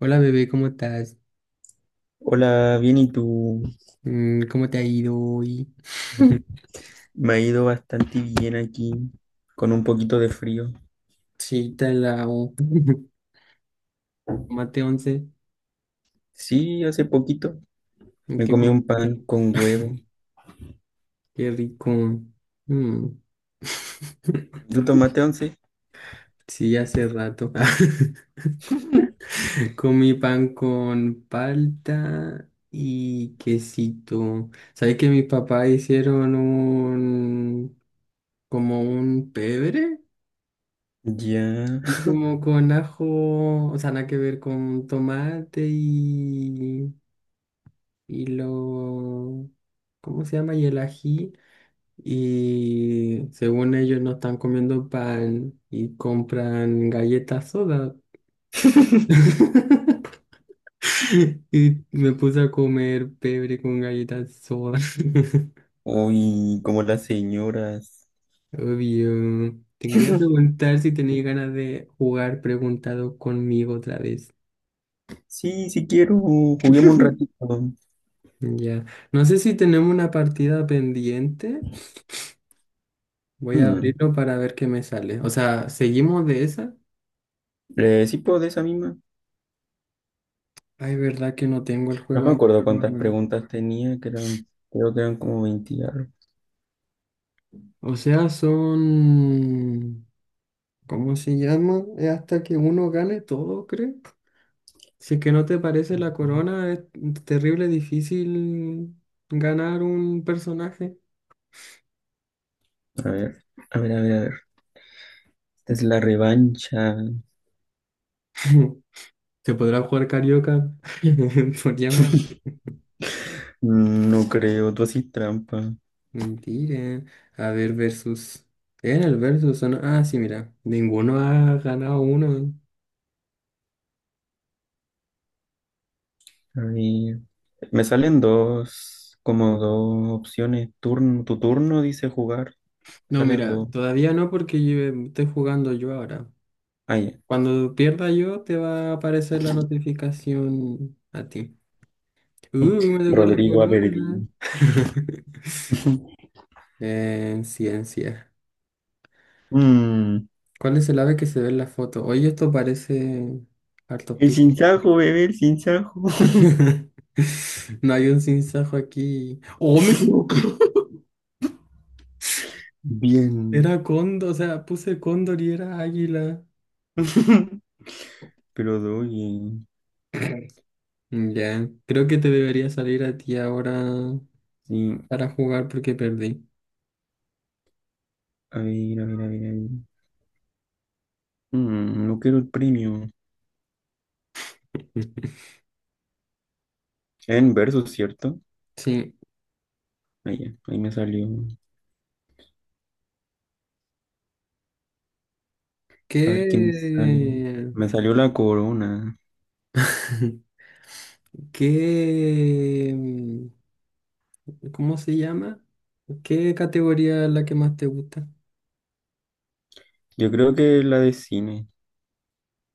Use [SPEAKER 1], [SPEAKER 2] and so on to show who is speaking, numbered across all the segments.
[SPEAKER 1] Hola bebé, ¿cómo estás?
[SPEAKER 2] Hola, bien, ¿y tú?
[SPEAKER 1] ¿Cómo te ha ido hoy?
[SPEAKER 2] Me ha ido bastante bien aquí, con un poquito de frío.
[SPEAKER 1] Sí, está en la U. Tomate once.
[SPEAKER 2] Sí, hace poquito me
[SPEAKER 1] ¿Qué
[SPEAKER 2] comí un pan
[SPEAKER 1] comiste?
[SPEAKER 2] con huevo.
[SPEAKER 1] Qué rico. Mm.
[SPEAKER 2] ¿Tú tomaste once?
[SPEAKER 1] Sí, hace rato. Comí pan con palta y quesito. ¿Sabes que mis papás hicieron un como un pebre?
[SPEAKER 2] Ya.
[SPEAKER 1] Y como con ajo, o sea, nada que ver con tomate y lo... ¿Cómo se llama? Y el ají. Y según ellos no están comiendo pan y compran galletas soda. Y me puse a comer pebre con galletas soda.
[SPEAKER 2] Uy, como las señoras.
[SPEAKER 1] Obvio. Te quería preguntar si tenías ganas de jugar preguntado conmigo otra vez.
[SPEAKER 2] Sí, si quiero, juguemos un ratito.
[SPEAKER 1] Ya. No sé si tenemos una partida pendiente. Voy a
[SPEAKER 2] Mm,
[SPEAKER 1] abrirlo para ver qué me sale. O sea, ¿seguimos de esa?
[SPEAKER 2] sí, puedo de esa misma.
[SPEAKER 1] Ay, verdad que no tengo el
[SPEAKER 2] No
[SPEAKER 1] juego
[SPEAKER 2] me
[SPEAKER 1] acá,
[SPEAKER 2] acuerdo cuántas
[SPEAKER 1] weón.
[SPEAKER 2] preguntas tenía, que eran, creo que eran como 20 y algo.
[SPEAKER 1] O sea, son... ¿Cómo se llama? Es hasta que uno gane todo, creo. Si es que no te parece la corona, es terrible difícil ganar un personaje.
[SPEAKER 2] A ver, a ver, a ver, a ver. Esta es la revancha.
[SPEAKER 1] Se podrá jugar carioca por llamar.
[SPEAKER 2] No creo, tú haces trampa.
[SPEAKER 1] Mentira. A ver, versus. En el versus, ¿o no? Ah, sí, mira. Ninguno ha ganado uno.
[SPEAKER 2] A ver. Me salen dos, como dos opciones. Turno, tu turno dice jugar.
[SPEAKER 1] No,
[SPEAKER 2] Salen
[SPEAKER 1] mira,
[SPEAKER 2] dos.
[SPEAKER 1] todavía no porque yo estoy jugando yo ahora.
[SPEAKER 2] Ah, ya.
[SPEAKER 1] Cuando pierda yo, te va a aparecer la notificación a ti. Uh, me tocó la
[SPEAKER 2] Rodrigo
[SPEAKER 1] corona.
[SPEAKER 2] Aberdeen.
[SPEAKER 1] En ciencia.
[SPEAKER 2] Mm,
[SPEAKER 1] ¿Cuál es el ave que se ve en la foto? Oye, esto parece hartos
[SPEAKER 2] el
[SPEAKER 1] pisos.
[SPEAKER 2] sinsajo, bebé, el sinsajo.
[SPEAKER 1] No hay un sinsajo aquí. ¡Oh, me equivoqué!
[SPEAKER 2] Bien.
[SPEAKER 1] Era cóndor, o sea, puse cóndor y era águila.
[SPEAKER 2] Pero doy bien.
[SPEAKER 1] Ya, creo que te debería salir a ti ahora
[SPEAKER 2] Sí.
[SPEAKER 1] para jugar porque perdí.
[SPEAKER 2] A ver, a ver, a ver, a ver. No quiero el premio. En verso, ¿cierto?
[SPEAKER 1] Sí.
[SPEAKER 2] Ahí, ya, ahí me salió. A ver qué me sale.
[SPEAKER 1] ¿Qué?
[SPEAKER 2] Me salió la corona.
[SPEAKER 1] ¿Qué, cómo se llama? ¿Qué categoría es la que más te gusta?
[SPEAKER 2] Yo creo que la de cine.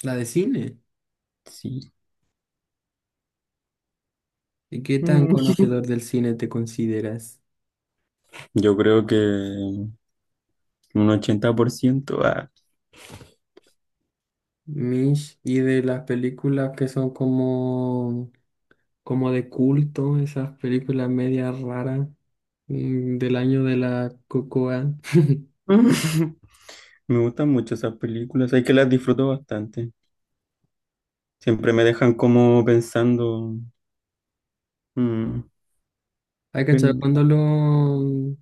[SPEAKER 1] La de cine.
[SPEAKER 2] Sí.
[SPEAKER 1] ¿Y qué tan
[SPEAKER 2] Mm.
[SPEAKER 1] conocedor del cine te consideras?
[SPEAKER 2] Yo creo que un 80%. Ah.
[SPEAKER 1] Mish, y de las películas que son como, como de culto, esas películas medias raras del año de la Cocoa.
[SPEAKER 2] Me gustan mucho esas películas, hay que las disfruto bastante. Siempre me dejan como pensando, mm,
[SPEAKER 1] ¿Hay cachado
[SPEAKER 2] pero-
[SPEAKER 1] cuando los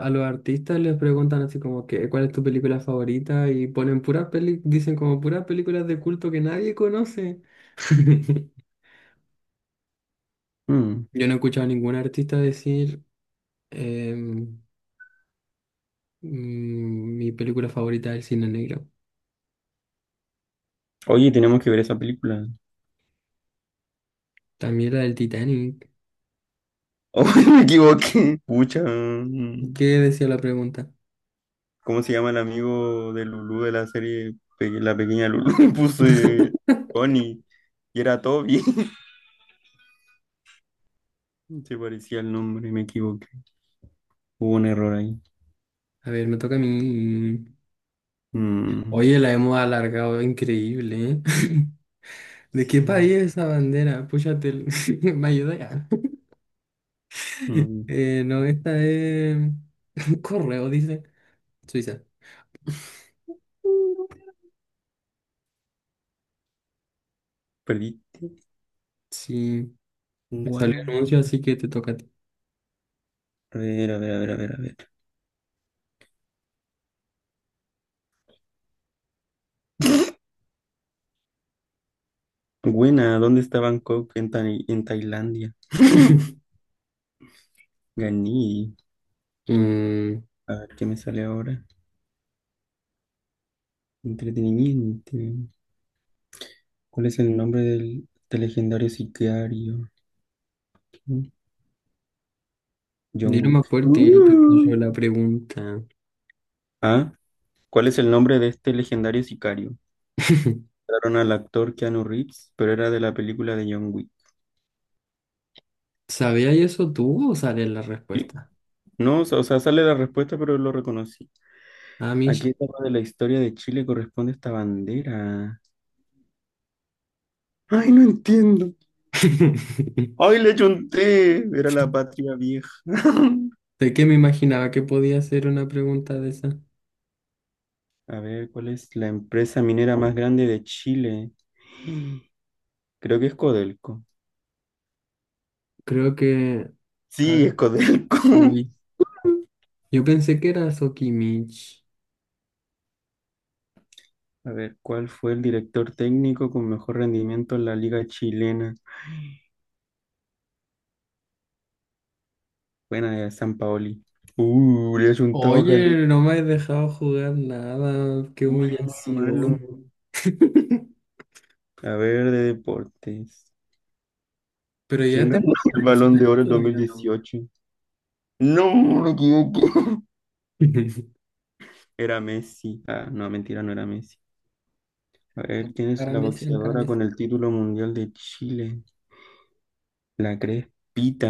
[SPEAKER 1] a los artistas les preguntan así como que cuál es tu película favorita? Y ponen dicen como puras películas de culto que nadie conoce.
[SPEAKER 2] mm,
[SPEAKER 1] Yo no he escuchado a ningún artista decir em, mi película favorita del cine negro.
[SPEAKER 2] oye, tenemos que ver esa película.
[SPEAKER 1] También la del Titanic.
[SPEAKER 2] Oh, me equivoqué. Pucha,
[SPEAKER 1] ¿Qué decía la pregunta?
[SPEAKER 2] ¿cómo se llama el amigo de Lulú de la serie La Pequeña Lulú? Puse Tony y era Toby. Se parecía el nombre, me equivoqué. Hubo un error ahí.
[SPEAKER 1] A ver, me toca a mí.
[SPEAKER 2] Mm,
[SPEAKER 1] Oye, la hemos alargado, increíble, ¿eh? ¿De qué
[SPEAKER 2] sí,
[SPEAKER 1] país es esa bandera? Púchate, ¿me ayuda ya?
[SPEAKER 2] mm,
[SPEAKER 1] No, esta es... Correo, dice. Suiza.
[SPEAKER 2] perdí.
[SPEAKER 1] Sí, me salió
[SPEAKER 2] Guau.
[SPEAKER 1] anuncio, así que te toca a ti.
[SPEAKER 2] A ver, a ver, a ver, a ver, a ver. Buena, ¿dónde está Bangkok? En Tailandia. Ganí.
[SPEAKER 1] Mm,
[SPEAKER 2] A ver, ¿qué me sale ahora? Entretenimiento. ¿Cuál es el nombre del legendario sicario? ¿Quién? John
[SPEAKER 1] Dilo más
[SPEAKER 2] Wick.
[SPEAKER 1] fuerte, no te escucho la pregunta.
[SPEAKER 2] Ah, ¿cuál es el nombre de este legendario sicario? Mataron al actor Keanu Reeves, pero era de la película de John Wick.
[SPEAKER 1] ¿Sabías eso tú o sale la
[SPEAKER 2] Sí.
[SPEAKER 1] respuesta?
[SPEAKER 2] No, o sea, sale la respuesta, pero lo reconocí. ¿A
[SPEAKER 1] Amish.
[SPEAKER 2] qué etapa de la historia de Chile corresponde esta bandera? Ay, no entiendo. ¡Ay, le chunté! Era la patria vieja.
[SPEAKER 1] ¿De qué me imaginaba que podía ser una pregunta de esa?
[SPEAKER 2] A ver, ¿cuál es la empresa minera más grande de Chile? Creo que es Codelco.
[SPEAKER 1] Creo que... A
[SPEAKER 2] Sí, es
[SPEAKER 1] ver,
[SPEAKER 2] Codelco.
[SPEAKER 1] uy. Yo pensé que era Sokimich.
[SPEAKER 2] A ver, ¿cuál fue el director técnico con mejor rendimiento en la liga chilena? Buena de San Paoli. Le ha juntado caleta.
[SPEAKER 1] Oye, no me has dejado jugar nada. Qué
[SPEAKER 2] Uy, muy malo.
[SPEAKER 1] humillación.
[SPEAKER 2] A ver, de deportes.
[SPEAKER 1] Pero ya
[SPEAKER 2] ¿Quién ganó
[SPEAKER 1] terminaste
[SPEAKER 2] el
[SPEAKER 1] el
[SPEAKER 2] Balón de
[SPEAKER 1] personaje
[SPEAKER 2] Oro en
[SPEAKER 1] todavía, ¿no?
[SPEAKER 2] 2018? No, me equivoqué. Era Messi. Ah, no, mentira, no era Messi. A ver, ¿quién es
[SPEAKER 1] Cara a
[SPEAKER 2] la
[SPEAKER 1] Messi, cara
[SPEAKER 2] boxeadora
[SPEAKER 1] Messi.
[SPEAKER 2] con el título mundial de Chile? La Crespita.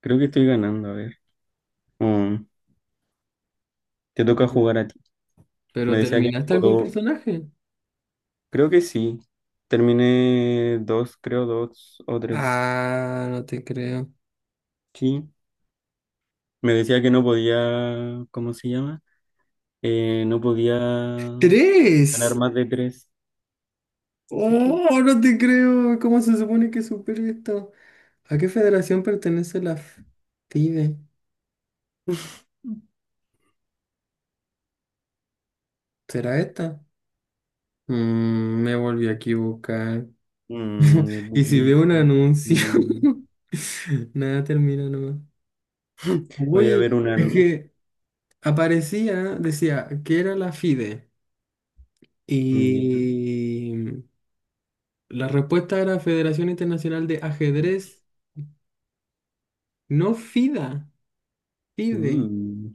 [SPEAKER 2] Creo que estoy ganando, a ver. Mm, te toca
[SPEAKER 1] Pero
[SPEAKER 2] jugar a ti. Me
[SPEAKER 1] pero
[SPEAKER 2] decía que no
[SPEAKER 1] terminaste algún
[SPEAKER 2] puedo.
[SPEAKER 1] personaje.
[SPEAKER 2] Creo que sí. Terminé dos, creo, dos o tres.
[SPEAKER 1] Ah, no te creo.
[SPEAKER 2] Sí. Me decía que no podía. ¿Cómo se llama? No podía ganar
[SPEAKER 1] ¡Tres!
[SPEAKER 2] más de tres.
[SPEAKER 1] ¡Oh,
[SPEAKER 2] Sí, pues.
[SPEAKER 1] no te creo! ¿Cómo se supone que supere esto? ¿A qué federación pertenece la FIDE? ¿Será esta? Mm, me volví a equivocar.
[SPEAKER 2] Mm,
[SPEAKER 1] ¿Y si veo un
[SPEAKER 2] durísimo.
[SPEAKER 1] anuncio?
[SPEAKER 2] Mm,
[SPEAKER 1] Nada, termina nomás.
[SPEAKER 2] Voy a
[SPEAKER 1] Oye,
[SPEAKER 2] ver una.
[SPEAKER 1] es que aparecía, decía que era la FIDE.
[SPEAKER 2] Ya.
[SPEAKER 1] Y la respuesta era Federación Internacional de Ajedrez, no FIDA, FIDE.
[SPEAKER 2] Uh,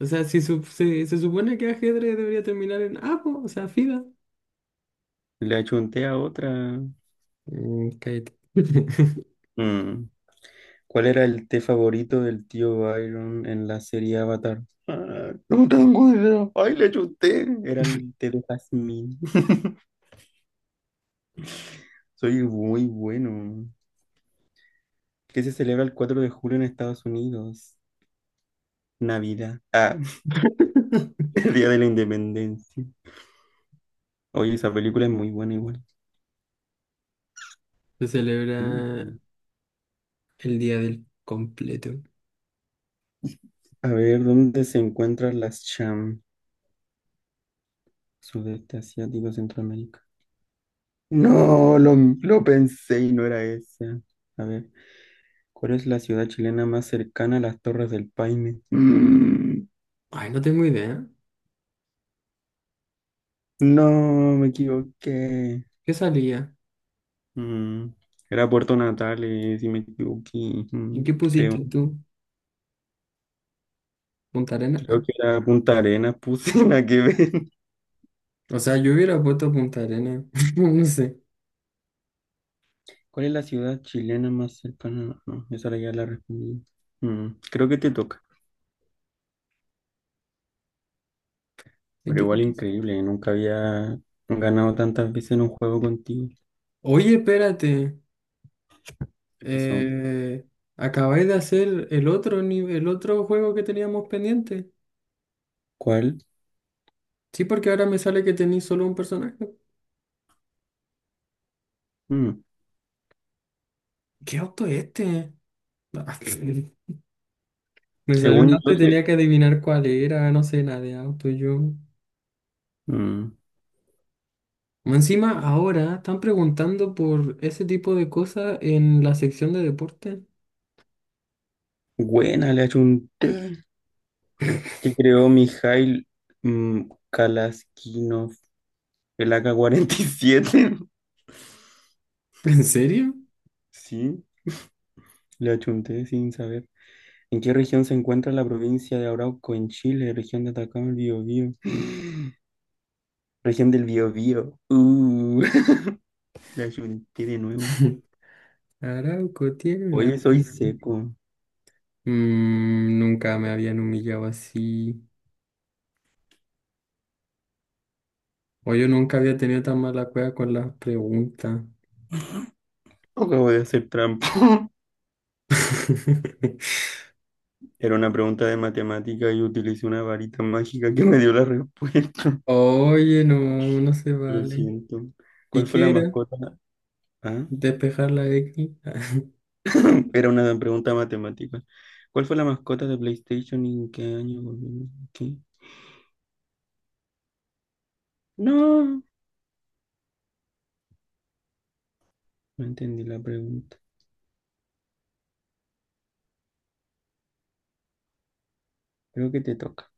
[SPEAKER 1] O sea, si se supone que ajedrez debería terminar en A, po, o sea, FIDA.
[SPEAKER 2] le achunté a otra.
[SPEAKER 1] Cállate.
[SPEAKER 2] Mm. ¿Cuál era el té favorito del tío Byron en la serie Avatar? Ah, no tengo idea. Ay, le chuté. Era el té de jazmín. Soy muy bueno. ¿Qué se celebra el 4 de julio en Estados Unidos? Navidad. Ah, el Día de la Independencia. Oye, esa película es muy buena igual.
[SPEAKER 1] Se celebra
[SPEAKER 2] Mm.
[SPEAKER 1] el día del completo.
[SPEAKER 2] A ver, ¿dónde se encuentran las Cham? Sudeste Asiático, Centroamérica. No, lo pensé y no era esa. A ver, ¿cuál es la ciudad chilena más cercana a las Torres del Paine?
[SPEAKER 1] Ay, no tengo idea.
[SPEAKER 2] No, me equivoqué.
[SPEAKER 1] ¿Qué salía?
[SPEAKER 2] Mm, Era Puerto Natales, si me equivoqué,
[SPEAKER 1] ¿Y qué
[SPEAKER 2] creo.
[SPEAKER 1] pusiste tú? ¿Punta Arena?
[SPEAKER 2] Creo
[SPEAKER 1] Ah.
[SPEAKER 2] que era Punta Arenas, puse la que ven.
[SPEAKER 1] O sea, yo hubiera puesto Punta Arena. No sé.
[SPEAKER 2] ¿Cuál es la ciudad chilena más cercana? No, esa la ya la respondí. Creo que te toca. Pero igual
[SPEAKER 1] 24.
[SPEAKER 2] increíble, nunca había ganado tantas veces en un juego contigo.
[SPEAKER 1] Oye, espérate.
[SPEAKER 2] ¿Qué pasó?
[SPEAKER 1] Eh, Acabáis de hacer el otro nivel, el otro juego que teníamos pendiente.
[SPEAKER 2] ¿Cuál?
[SPEAKER 1] Sí, porque ahora me sale que tenéis solo un personaje.
[SPEAKER 2] Mm,
[SPEAKER 1] ¿Qué auto es este? Ah, me salió un
[SPEAKER 2] Según
[SPEAKER 1] auto
[SPEAKER 2] yo,
[SPEAKER 1] y
[SPEAKER 2] se.
[SPEAKER 1] tenía que adivinar cuál era, no sé nada de auto yo.
[SPEAKER 2] mm,
[SPEAKER 1] Encima, ahora están preguntando por ese tipo de cosas en la sección de deporte.
[SPEAKER 2] Buena, le ha hecho un que creó Mijail, Kalaskinov, el AK-47.
[SPEAKER 1] ¿En serio?
[SPEAKER 2] Sí, le achunté sin saber. ¿En qué región se encuentra la provincia de Arauco en Chile? Región de Atacama, el Biobío. Región del Biobío. Le achunté de nuevo.
[SPEAKER 1] Arauco tiene una...
[SPEAKER 2] Oye, soy
[SPEAKER 1] tribu.
[SPEAKER 2] seco.
[SPEAKER 1] Mm, nunca me habían humillado así. Oye, yo nunca había tenido tan mala cueva con las preguntas.
[SPEAKER 2] Acabo de hacer trampa. Era una pregunta de matemática y utilicé una varita mágica que me dio la respuesta.
[SPEAKER 1] Oye, no, no se
[SPEAKER 2] Lo
[SPEAKER 1] vale.
[SPEAKER 2] siento.
[SPEAKER 1] ¿Y
[SPEAKER 2] ¿Cuál fue la
[SPEAKER 1] qué era?
[SPEAKER 2] mascota? Ah,
[SPEAKER 1] ¿Despejar la X?
[SPEAKER 2] era una pregunta matemática. ¿Cuál fue la mascota de PlayStation y en qué año volvió? ¿Qué? No, no entendí la pregunta. Creo que te toca.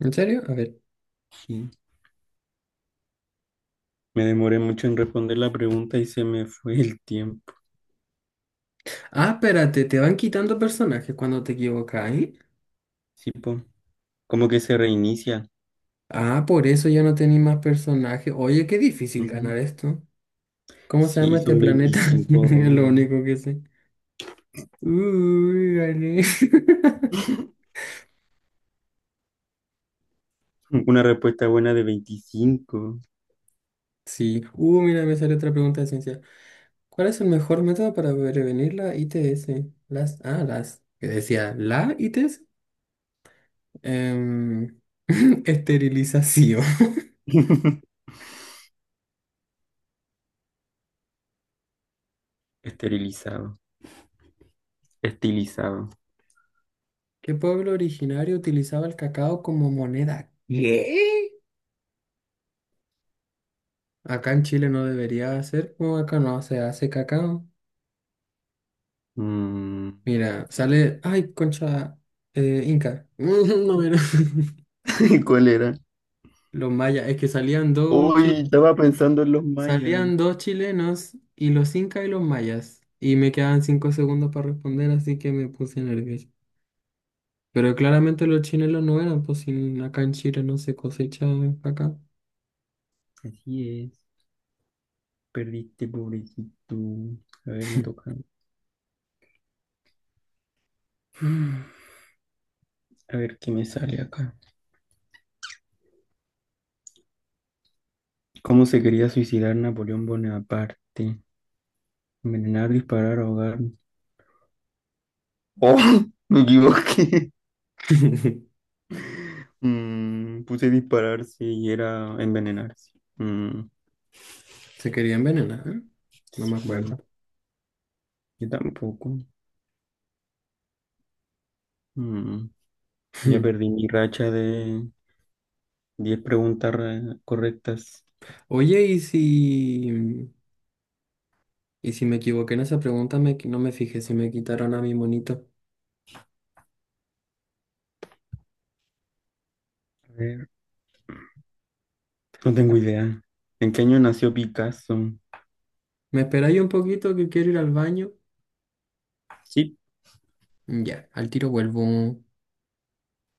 [SPEAKER 1] ¿En serio? A ver.
[SPEAKER 2] Sí. Me demoré mucho en responder la pregunta y se me fue el tiempo.
[SPEAKER 1] Ah, espérate, te van quitando personajes cuando te equivocas, ¿eh?
[SPEAKER 2] Sí, po. Como que se reinicia.
[SPEAKER 1] Ah, por eso ya no tenéis más personajes. Oye, qué difícil
[SPEAKER 2] Ujú.
[SPEAKER 1] ganar esto. ¿Cómo se
[SPEAKER 2] Sí,
[SPEAKER 1] llama este
[SPEAKER 2] son
[SPEAKER 1] planeta?
[SPEAKER 2] veinticinco
[SPEAKER 1] Es lo
[SPEAKER 2] rondas.
[SPEAKER 1] único que sé. Uy, gané.
[SPEAKER 2] Una respuesta buena de 25.
[SPEAKER 1] Sí. Mira, me sale otra pregunta de ciencia. ¿Cuál es el mejor método para prevenir la ITS? Las que decía, la ITS. Em, Esterilización.
[SPEAKER 2] Esterilizado. Estilizado.
[SPEAKER 1] ¿Qué pueblo originario utilizaba el cacao como moneda? ¿Qué? Acá en Chile no debería hacer, o acá no se hace cacao.
[SPEAKER 2] Mm.
[SPEAKER 1] Mira, sale, ay, concha, Inca. No, mira.
[SPEAKER 2] ¿Cuál era?
[SPEAKER 1] Los mayas, es que salían dos,
[SPEAKER 2] Uy,
[SPEAKER 1] sí.
[SPEAKER 2] estaba pensando en los mayas.
[SPEAKER 1] Salían dos chilenos y los incas y los mayas. Y me quedaban 5 segundos para responder, así que me puse nervioso. Pero claramente los chilenos no eran, pues sin acá en Chile no se cosecha acá.
[SPEAKER 2] Así es. Perdiste, pobrecito. A ver, me toca. A ver qué me sale acá. ¿Cómo se quería suicidar Napoleón Bonaparte? Envenenar, disparar, ahogar. ¡Oh! Me equivoqué. Puse dispararse y era envenenarse. Mm,
[SPEAKER 1] Se querían envenenar, ¿eh? No me acuerdo.
[SPEAKER 2] sí, yo tampoco. Mm, ya perdí mi racha de 10 preguntas correctas.
[SPEAKER 1] Oye, ¿y si me equivoqué en esa pregunta? No me fijé si me quitaron a mi monito.
[SPEAKER 2] A ver, no tengo idea. ¿En qué año nació Picasso?
[SPEAKER 1] ¿Me esperáis un poquito que quiero ir al baño?
[SPEAKER 2] Sí.
[SPEAKER 1] Ya, al tiro vuelvo.